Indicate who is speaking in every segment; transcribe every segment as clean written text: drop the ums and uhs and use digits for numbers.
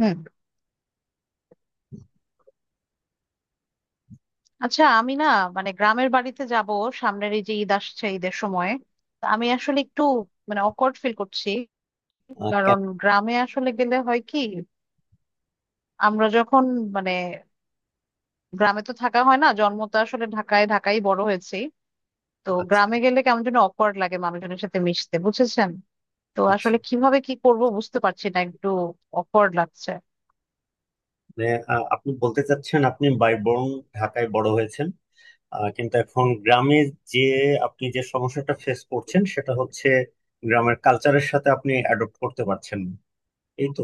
Speaker 1: হুম। আচ্ছা, আমি না মানে গ্রামের বাড়িতে যাব সামনের এই যে ঈদ আসছে ঈদের সময়। তা আমি আসলে একটু মানে অকওয়ার্ড ফিল করছি।
Speaker 2: কেন।
Speaker 1: কারণ গ্রামে আসলে গেলে হয় কি, আমরা যখন মানে গ্রামে তো থাকা হয় না, জন্ম তো আসলে ঢাকায়, ঢাকায় বড় হয়েছি। তো
Speaker 2: আচ্ছা,
Speaker 1: গ্রামে গেলে কেমন যেন অকওয়ার্ড লাগে মানুষজনের সাথে মিশতে, বুঝেছেন? তো
Speaker 2: আচ্ছা।
Speaker 1: আসলে কিভাবে কি করব বুঝতে পারছি না, একটু অকওয়ার্ড লাগছে।
Speaker 2: মানে আপনি বলতে চাচ্ছেন আপনি বাইবর্ন ঢাকায় বড় হয়েছেন। কিন্তু এখন গ্রামে যে আপনি যে সমস্যাটা ফেস করছেন সেটা হচ্ছে গ্রামের কালচারের সাথে আপনি অ্যাডপ্ট করতে পারছেন না। এই তো।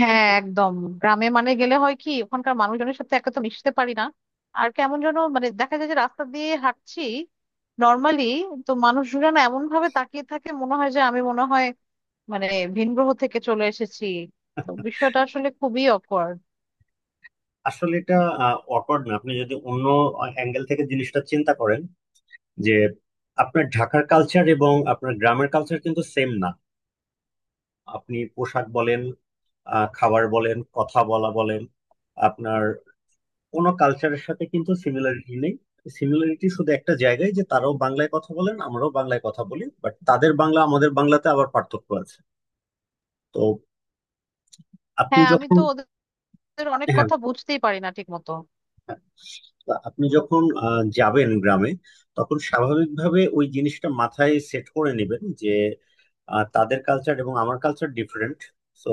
Speaker 1: হ্যাঁ, একদম। গ্রামে মানে গেলে হয় কি, ওখানকার মানুষজনের সাথে একে তো মিশতে পারি না, আর কেমন যেন মানে দেখা যায় যে রাস্তা দিয়ে হাঁটছি নর্মালি, তো মানুষজন এমন ভাবে তাকিয়ে থাকে মনে হয় যে আমি মনে হয় মানে ভিন গ্রহ থেকে চলে এসেছি। তো বিষয়টা আসলে খুবই অকওয়ার্ড।
Speaker 2: আসলে এটা অকওয়ার্ড না, আপনি যদি অন্য অ্যাঙ্গেল থেকে জিনিসটা চিন্তা করেন যে আপনার ঢাকার কালচার এবং আপনার গ্রামের কালচার কিন্তু সেম না। আপনি পোশাক বলেন, খাবার বলেন, কথা বলা বলেন, আপনার কোনো কালচারের সাথে কিন্তু সিমিলারিটি নেই। সিমিলারিটি শুধু একটা জায়গায়, যে তারাও বাংলায় কথা বলেন আমরাও বাংলায় কথা বলি, বাট তাদের বাংলা আমাদের বাংলাতে আবার পার্থক্য আছে। তো আপনি
Speaker 1: হ্যাঁ, আমি
Speaker 2: যখন
Speaker 1: তো ওদের অনেক
Speaker 2: হ্যাঁ।
Speaker 1: কথা বুঝতেই পারি না ঠিক মতো।
Speaker 2: তো আপনি যখন যাবেন গ্রামে, তখন স্বাভাবিকভাবে ওই জিনিসটা মাথায় সেট করে নেবেন যে তাদের কালচার এবং আমার কালচার ডিফারেন্ট। সো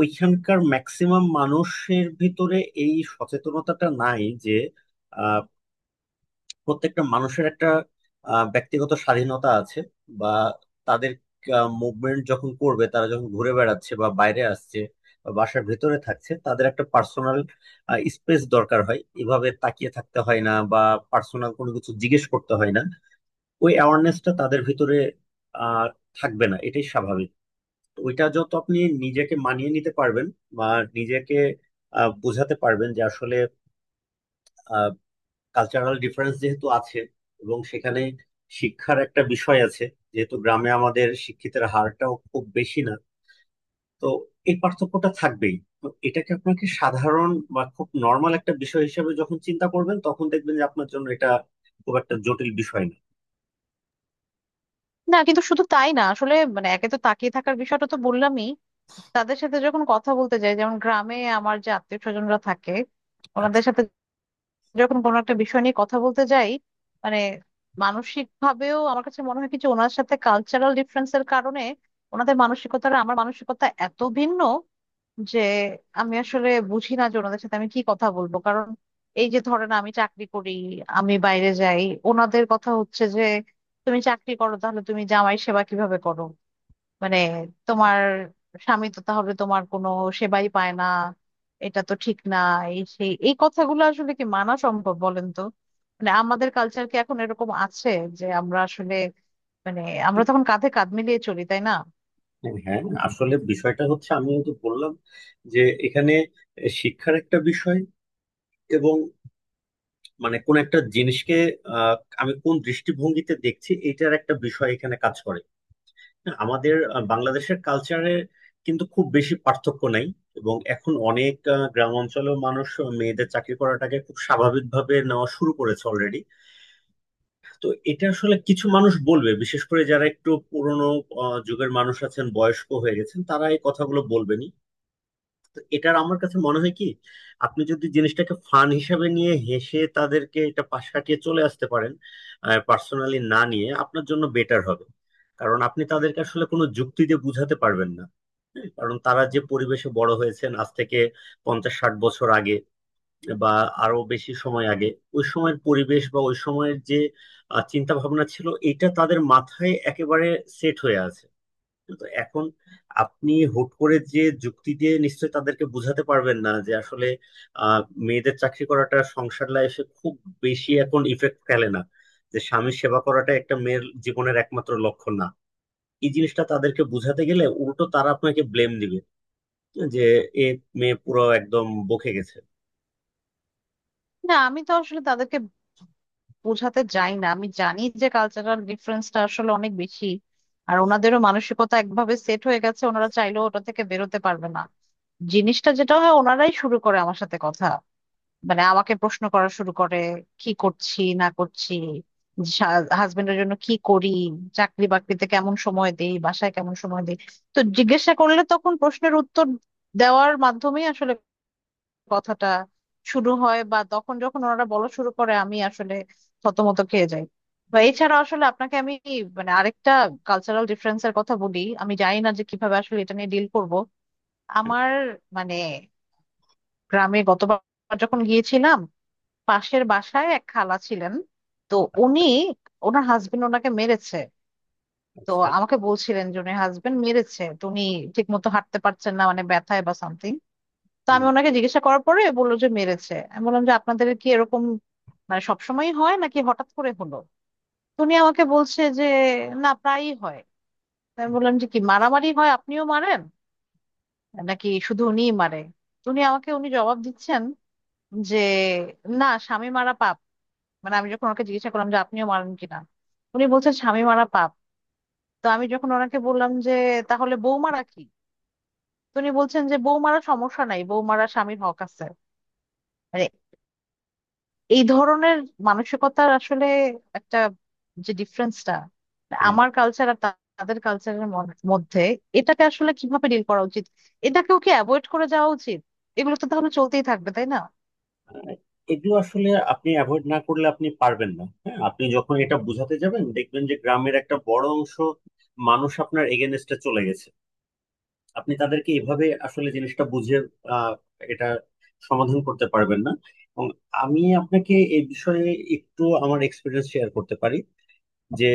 Speaker 2: ওইখানকার ম্যাক্সিমাম মানুষের ভিতরে এই সচেতনতাটা নাই যে প্রত্যেকটা মানুষের একটা ব্যক্তিগত স্বাধীনতা আছে, বা তাদের মুভমেন্ট যখন করবে, তারা যখন ঘুরে বেড়াচ্ছে বা বাইরে আসছে বা বাসার ভেতরে থাকছে, তাদের একটা পার্সোনাল স্পেস দরকার হয়, এভাবে তাকিয়ে থাকতে হয় না বা পার্সোনাল কোনো কিছু জিজ্ঞেস করতে হয় না। ওই অ্যাওয়ারনেসটা তাদের ভিতরে আহ থাকবে না, এটাই স্বাভাবিক। তো ওইটা যত আপনি নিজেকে মানিয়ে নিতে পারবেন বা নিজেকে বোঝাতে পারবেন যে আসলে কালচারাল ডিফারেন্স যেহেতু আছে এবং সেখানে শিক্ষার একটা বিষয় আছে, যেহেতু গ্রামে আমাদের শিক্ষিতের হারটাও খুব বেশি না, তো এই পার্থক্যটা থাকবেই। তো এটাকে আপনাকে সাধারণ বা খুব নর্মাল একটা বিষয় হিসেবে যখন চিন্তা করবেন, তখন দেখবেন যে আপনার জন্য এটা খুব একটা জটিল বিষয় না।
Speaker 1: না কিন্তু শুধু তাই না, আসলে মানে একে তো তাকিয়ে থাকার বিষয়টা তো বললামই। তাদের সাথে যখন কথা বলতে যাই, যেমন গ্রামে আমার যে আত্মীয় স্বজনরা থাকে
Speaker 2: আচ্ছা।
Speaker 1: ওনাদের সাথে যখন কোনো একটা বিষয় নিয়ে কথা বলতে যাই মানে, মানসিক ভাবেও আমার কাছে মনে হয় কিছু ওনার সাথে কালচারাল ডিফারেন্সের কারণে ওনাদের মানসিকতাটা আমার মানসিকতা এত ভিন্ন যে আমি আসলে বুঝি না যে ওনাদের সাথে আমি কি কথা বলবো। কারণ এই যে ধরেন আমি চাকরি করি, আমি বাইরে যাই, ওনাদের কথা হচ্ছে যে তুমি চাকরি করো তাহলে তুমি জামাই সেবা কিভাবে করো। মানে তোমার স্বামী তো তাহলে তোমার কোনো সেবাই পায় না, এটা তো ঠিক না। এই সেই, এই কথাগুলো আসলে কি মানা সম্ভব বলেন তো? মানে আমাদের কালচার কি এখন এরকম আছে, যে আমরা আসলে মানে আমরা তখন কাঁধে কাঁধ মিলিয়ে চলি, তাই না?
Speaker 2: হ্যাঁ, আসলে বিষয়টা হচ্ছে, আমি তো বললাম যে এখানে শিক্ষার একটা বিষয়, এবং মানে কোন একটা জিনিসকে আহ, আমি কোন দৃষ্টিভঙ্গিতে দেখছি, এটার একটা বিষয় এখানে কাজ করে। না, আমাদের বাংলাদেশের কালচারের কিন্তু খুব বেশি পার্থক্য নাই, এবং এখন অনেক গ্রাম অঞ্চলেও মানুষ মেয়েদের চাকরি করাটাকে খুব স্বাভাবিকভাবে নেওয়া শুরু করেছে অলরেডি। তো এটা আসলে কিছু মানুষ বলবে, বিশেষ করে যারা একটু পুরনো যুগের মানুষ আছেন, বয়স্ক হয়ে গেছেন, তারা এই কথাগুলো বলবেনই। তো এটার আমার কাছে মনে হয় কি, আপনি যদি জিনিসটাকে ফান হিসাবে নিয়ে হেসে তাদেরকে এটা পাশ কাটিয়ে চলে আসতে পারেন, পার্সোনালি না নিয়ে, আপনার জন্য বেটার হবে। কারণ আপনি তাদেরকে আসলে কোনো যুক্তি দিয়ে বুঝাতে পারবেন না। হ্যাঁ, কারণ তারা যে পরিবেশে বড় হয়েছেন আজ থেকে 50-60 বছর আগে বা আরো বেশি সময় আগে, ওই সময়ের পরিবেশ বা ওই সময়ের যে চিন্তা ভাবনা ছিল এটা তাদের মাথায় একেবারে সেট হয়ে আছে। তো এখন আপনি হুট করে যে যুক্তি দিয়ে নিশ্চয়ই তাদেরকে বোঝাতে পারবেন না যে আসলে আহ, মেয়েদের চাকরি করাটা সংসার লাইফে খুব বেশি এখন ইফেক্ট ফেলে না, যে স্বামীর সেবা করাটা একটা মেয়ের জীবনের একমাত্র লক্ষ্য না। এই জিনিসটা তাদেরকে বোঝাতে গেলে উল্টো তারা আপনাকে ব্লেম দিবে যে এ মেয়ে পুরো একদম বকে গেছে।
Speaker 1: না আমি তো আসলে তাদেরকে বোঝাতে যাই না, আমি জানি যে কালচারাল ডিফারেন্সটা আসলে অনেক বেশি। আর ওনাদেরও মানসিকতা একভাবে সেট হয়ে গেছে, ওনারা চাইলেও ওটা থেকে বেরোতে পারবে না। জিনিসটা যেটা হয়, ওনারাই শুরু করে আমার সাথে কথা, মানে আমাকে প্রশ্ন করা শুরু করে কি করছি না করছি, হাজবেন্ডের জন্য কি করি, চাকরি বাকরিতে কেমন সময় দেই, বাসায় কেমন সময় দেই। তো জিজ্ঞাসা করলে তখন প্রশ্নের উত্তর দেওয়ার মাধ্যমেই আসলে কথাটা শুরু হয়, বা তখন যখন ওনারা বলা শুরু করে আমি আসলে থতমত খেয়ে যাই। তো এছাড়া আসলে আপনাকে আমি মানে আরেকটা কালচারাল ডিফারেন্সের কথা বলি, আমি জানি না যে কিভাবে আসলে এটা নিয়ে ডিল করব।
Speaker 2: হ্যাঁ,
Speaker 1: আমার মানে, গ্রামে গতবার যখন গিয়েছিলাম পাশের বাসায় এক খালা ছিলেন। তো উনি, ওনার হাজবেন্ড ওনাকে মেরেছে। তো
Speaker 2: আচ্ছা।
Speaker 1: আমাকে বলছিলেন যে উনি হাজবেন্ড মেরেছে, তো উনি ঠিক মতো হাঁটতে পারছেন না মানে ব্যথায় বা সামথিং। তো আমি
Speaker 2: হুম।
Speaker 1: ওনাকে জিজ্ঞাসা করার পরে বললো যে মেরেছে। আমি বললাম যে আপনাদের কি এরকম মানে সবসময় হয় নাকি হঠাৎ করে হলো? তো উনি আমাকে বলছে যে না, প্রায়ই হয়। তো আমি বললাম যে কি মারামারি হয়, আপনিও মারেন নাকি শুধু উনিই মারে? তো উনি আমাকে উনি জবাব দিচ্ছেন যে না স্বামী মারা পাপ। মানে আমি যখন ওনাকে জিজ্ঞাসা করলাম যে আপনিও মারেন কিনা, উনি বলছেন স্বামী মারা পাপ। তো আমি যখন ওনাকে বললাম যে তাহলে বউ মারা কি, তো উনি বলছেন যে বউ মারা সমস্যা নাই, বউ মারা স্বামীর হক আছে। মানে এই ধরনের মানসিকতার আসলে একটা যে ডিফারেন্সটা
Speaker 2: হ্যাঁ।
Speaker 1: আমার কালচার আর তাদের কালচারের মধ্যে, এটাকে আসলে কিভাবে ডিল করা উচিত? এটাকেও কি অ্যাভয়েড করে যাওয়া উচিত? এগুলো তো তাহলে চলতেই থাকবে, তাই না?
Speaker 2: আহ, এগুলো আসলে আপনি অ্যাভয়েড না করলে আপনি পারবেন না। হ্যাঁ, আপনি যখন এটা বোঝাতে যাবেন, দেখবেন যে গ্রামের একটা বড় অংশ মানুষ আপনার এগেনস্টে চলে গেছে। আপনি তাদেরকে এভাবে আসলে জিনিসটা বুঝিয়ে আহ, এটা সমাধান করতে পারবেন না। এবং আমি আপনাকে এই বিষয়ে একটু আমার এক্সপিরিয়েন্স শেয়ার করতে পারি, যে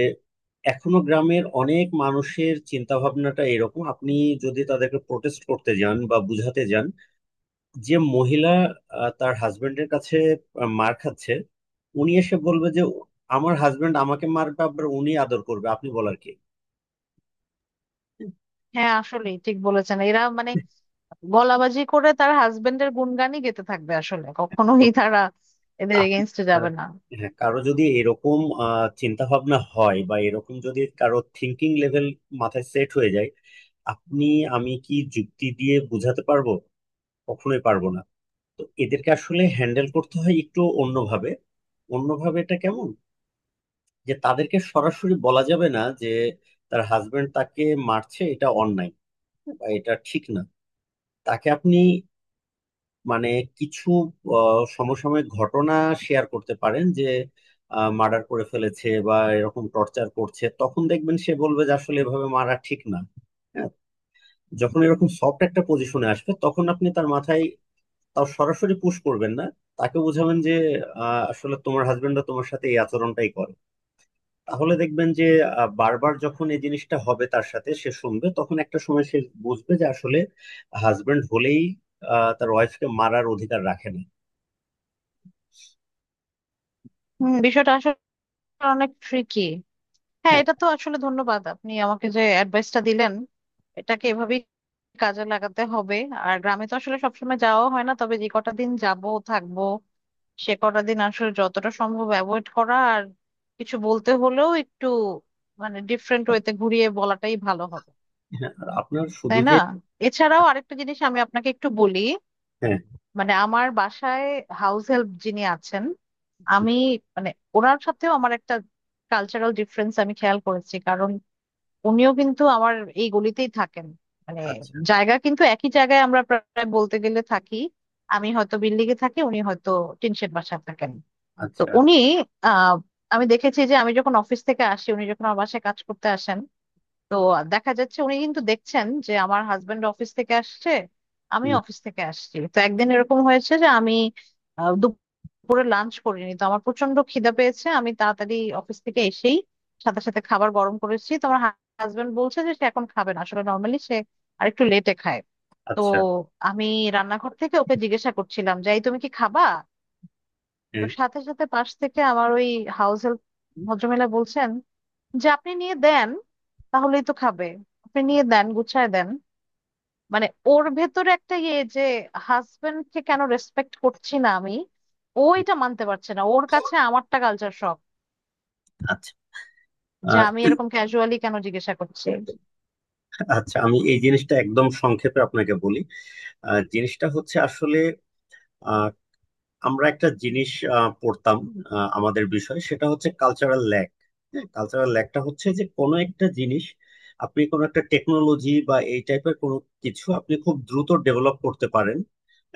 Speaker 2: এখনো গ্রামের অনেক মানুষের চিন্তা ভাবনাটা এরকম। আপনি যদি তাদেরকে প্রোটেস্ট করতে যান বা বুঝাতে যান যে মহিলা তার হাজবেন্ডের কাছে মার খাচ্ছে, উনি এসে বলবে যে আমার হাজবেন্ড আমাকে মারবে আবার উনি আদর করবে, আপনি বলার কি।
Speaker 1: হ্যাঁ আসলে ঠিক বলেছেন, এরা মানে গলাবাজি করে তার হাজবেন্ডের গুণগানই গেতে থাকবে, আসলে
Speaker 2: তো
Speaker 1: কখনোই তারা এদের
Speaker 2: আপনি
Speaker 1: এগেনস্টে
Speaker 2: আহ,
Speaker 1: যাবে না।
Speaker 2: হ্যাঁ, কারো যদি এরকম চিন্তা ভাবনা হয় বা এরকম যদি কারো থিঙ্কিং লেভেল মাথায় সেট হয়ে যায়, আপনি, আমি কি যুক্তি দিয়ে বোঝাতে পারবো? কখনোই পারবো না। তো এদেরকে আসলে হ্যান্ডেল করতে হয় একটু অন্যভাবে। অন্যভাবে এটা কেমন, যে তাদেরকে সরাসরি বলা যাবে না যে তার হাজবেন্ড তাকে মারছে এটা অন্যায় বা এটা ঠিক না। তাকে আপনি মানে কিছু সমসাময়িক ঘটনা শেয়ার করতে পারেন, যে মার্ডার করে ফেলেছে বা এরকম টর্চার করছে, তখন দেখবেন সে বলবে যে আসলে এভাবে মারা ঠিক না। হ্যাঁ, যখন এরকম সফট একটা পজিশনে আসবে, তখন আপনি তার মাথায় তাও সরাসরি পুশ করবেন না। তাকে বোঝাবেন যে আসলে তোমার হাজবেন্ডরা তোমার সাথে এই আচরণটাই করে। তাহলে দেখবেন যে বারবার যখন এই জিনিসটা হবে তার সাথে, সে শুনবে, তখন একটা সময় সে বুঝবে যে আসলে হাজবেন্ড হলেই তার ওয়াইফকে মারার অধিকার রাখে না।
Speaker 1: হম, বিষয়টা আসলে অনেক ট্রিকি। হ্যাঁ
Speaker 2: হ্যাঁ।
Speaker 1: এটা তো আসলে ধন্যবাদ, আপনি আমাকে যে অ্যাডভাইসটা দিলেন এটাকে এভাবেই কাজে লাগাতে হবে। আর গ্রামে তো আসলে সবসময় যাওয়া হয় না, তবে যে কটা দিন যাব থাকবো সে কটা দিন আসলে যতটা সম্ভব অ্যাভয়েড করা আর কিছু বলতে হলেও একটু মানে ডিফারেন্ট ওয়েতে ঘুরিয়ে বলাটাই ভালো হবে,
Speaker 2: হ্যাঁ, আর আপনার শুধু
Speaker 1: তাই না?
Speaker 2: যে
Speaker 1: এছাড়াও আরেকটা জিনিস আমি আপনাকে একটু বলি।
Speaker 2: হ্যাঁ,
Speaker 1: মানে আমার বাসায় হাউস হেল্প যিনি আছেন, আমি মানে ওনার সাথেও আমার একটা কালচারাল ডিফারেন্স আমি খেয়াল করেছি, কারণ উনিও কিন্তু আমার এই গলিতেই থাকেন। মানে
Speaker 2: আচ্ছা,
Speaker 1: জায়গা কিন্তু একই জায়গায় আমরা প্রায় বলতে গেলে থাকি, আমি হয়তো বিল্ডিং এ থাকি, উনি হয়তো টিনশেড বাসায় থাকেন। তো
Speaker 2: আচ্ছা,
Speaker 1: উনি আহ আমি দেখেছি যে আমি যখন অফিস থেকে আসি উনি যখন আমার বাসায় কাজ করতে আসেন, তো দেখা যাচ্ছে উনি কিন্তু দেখছেন যে আমার হাজবেন্ড অফিস থেকে আসছে, আমি
Speaker 2: হুম,
Speaker 1: অফিস থেকে আসছি। তো একদিন এরকম হয়েছে যে আমি দুপুরে লাঞ্চ করিনি, তো আমার প্রচন্ড খিদা পেয়েছে, আমি তাড়াতাড়ি অফিস থেকে এসেই সাথে সাথে খাবার গরম করেছি। তো আমার হাজবেন্ড বলছে যে সে এখন খাবে না, আসলে নর্মালি সে আরেকটু লেটে খায়। তো
Speaker 2: আচ্ছা,
Speaker 1: আমি রান্নাঘর থেকে ওকে জিজ্ঞাসা করছিলাম যে এই তুমি কি খাবা? তো
Speaker 2: হ্যাঁ,
Speaker 1: সাথে সাথে পাশ থেকে আমার ওই হাউস হেল্প ভদ্রমহিলা বলছেন যে আপনি নিয়ে দেন তাহলেই তো খাবে, আপনি নিয়ে দেন গুছায় দেন। মানে ওর ভেতরে একটা ইয়ে যে হাজবেন্ডকে কেন রেসপেক্ট করছি না আমি, ও
Speaker 2: হুম,
Speaker 1: এটা মানতে পারছে না, ওর কাছে আমারটা কালচার শক,
Speaker 2: আচ্ছা।
Speaker 1: যে
Speaker 2: আহ,
Speaker 1: আমি এরকম ক্যাজুয়ালি কেন জিজ্ঞাসা করছি।
Speaker 2: আচ্ছা, আমি এই জিনিসটা একদম সংক্ষেপে আপনাকে বলি। জিনিসটা হচ্ছে আসলে আমরা একটা জিনিস পড়তাম আমাদের বিষয়, সেটা হচ্ছে কালচারাল ল্যাগ। হ্যাঁ, কালচারাল ল্যাগটা হচ্ছে যে কোনো একটা জিনিস, আপনি কোনো একটা টেকনোলজি বা এই টাইপের কোনো কিছু আপনি খুব দ্রুত ডেভেলপ করতে পারেন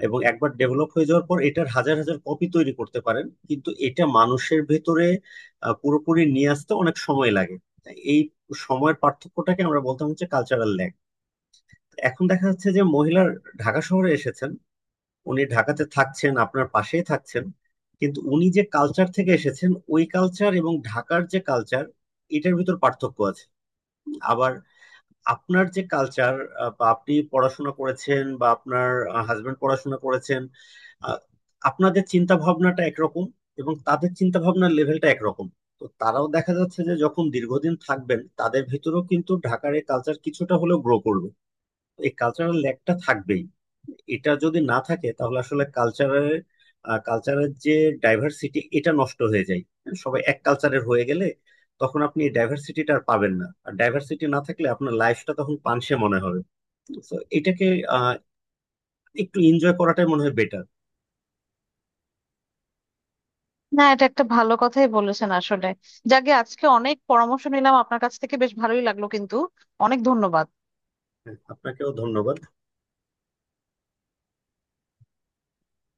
Speaker 2: এবং একবার ডেভেলপ হয়ে যাওয়ার পর এটার হাজার হাজার কপি তৈরি করতে পারেন, কিন্তু এটা মানুষের ভেতরে পুরোপুরি নিয়ে আসতে অনেক সময় লাগে। তাই এই সময়ের পার্থক্যটাকে আমরা বলতাম হচ্ছে কালচারাল ল্যাগ। এখন দেখা যাচ্ছে যে মহিলার ঢাকা শহরে এসেছেন, উনি ঢাকাতে থাকছেন, আপনার পাশেই থাকছেন, কিন্তু উনি যে কালচার থেকে এসেছেন ওই কালচার এবং ঢাকার যে কালচার, এটার ভিতর পার্থক্য আছে। আবার আপনার যে কালচার, বা আপনি পড়াশোনা করেছেন বা আপনার হাজবেন্ড পড়াশোনা করেছেন, আহ, আপনাদের চিন্তা ভাবনাটা একরকম এবং তাদের চিন্তা ভাবনার লেভেলটা একরকম। তো তারাও দেখা যাচ্ছে যে যখন দীর্ঘদিন থাকবেন, তাদের ভিতরেও কিন্তু ঢাকার এই কালচার কিছুটা হলেও গ্রো করবে। এই কালচারাল ল্যাগটা থাকবেই। এটা যদি না থাকে তাহলে আসলে কালচারের কালচারের যে ডাইভার্সিটি, এটা নষ্ট হয়ে যায়। সবাই এক কালচারের হয়ে গেলে তখন আপনি এই ডাইভার্সিটিটা আর পাবেন না, আর ডাইভার্সিটি না থাকলে আপনার লাইফটা তখন পানসে মনে হবে। তো এটাকে আহ, একটু এনজয় করাটাই মনে হয় বেটার।
Speaker 1: না এটা একটা ভালো কথাই বলেছেন আসলে, যাকে আজকে অনেক পরামর্শ নিলাম আপনার কাছ থেকে, বেশ ভালোই লাগলো কিন্তু। অনেক ধন্যবাদ।
Speaker 2: আপনাকেও ধন্যবাদ।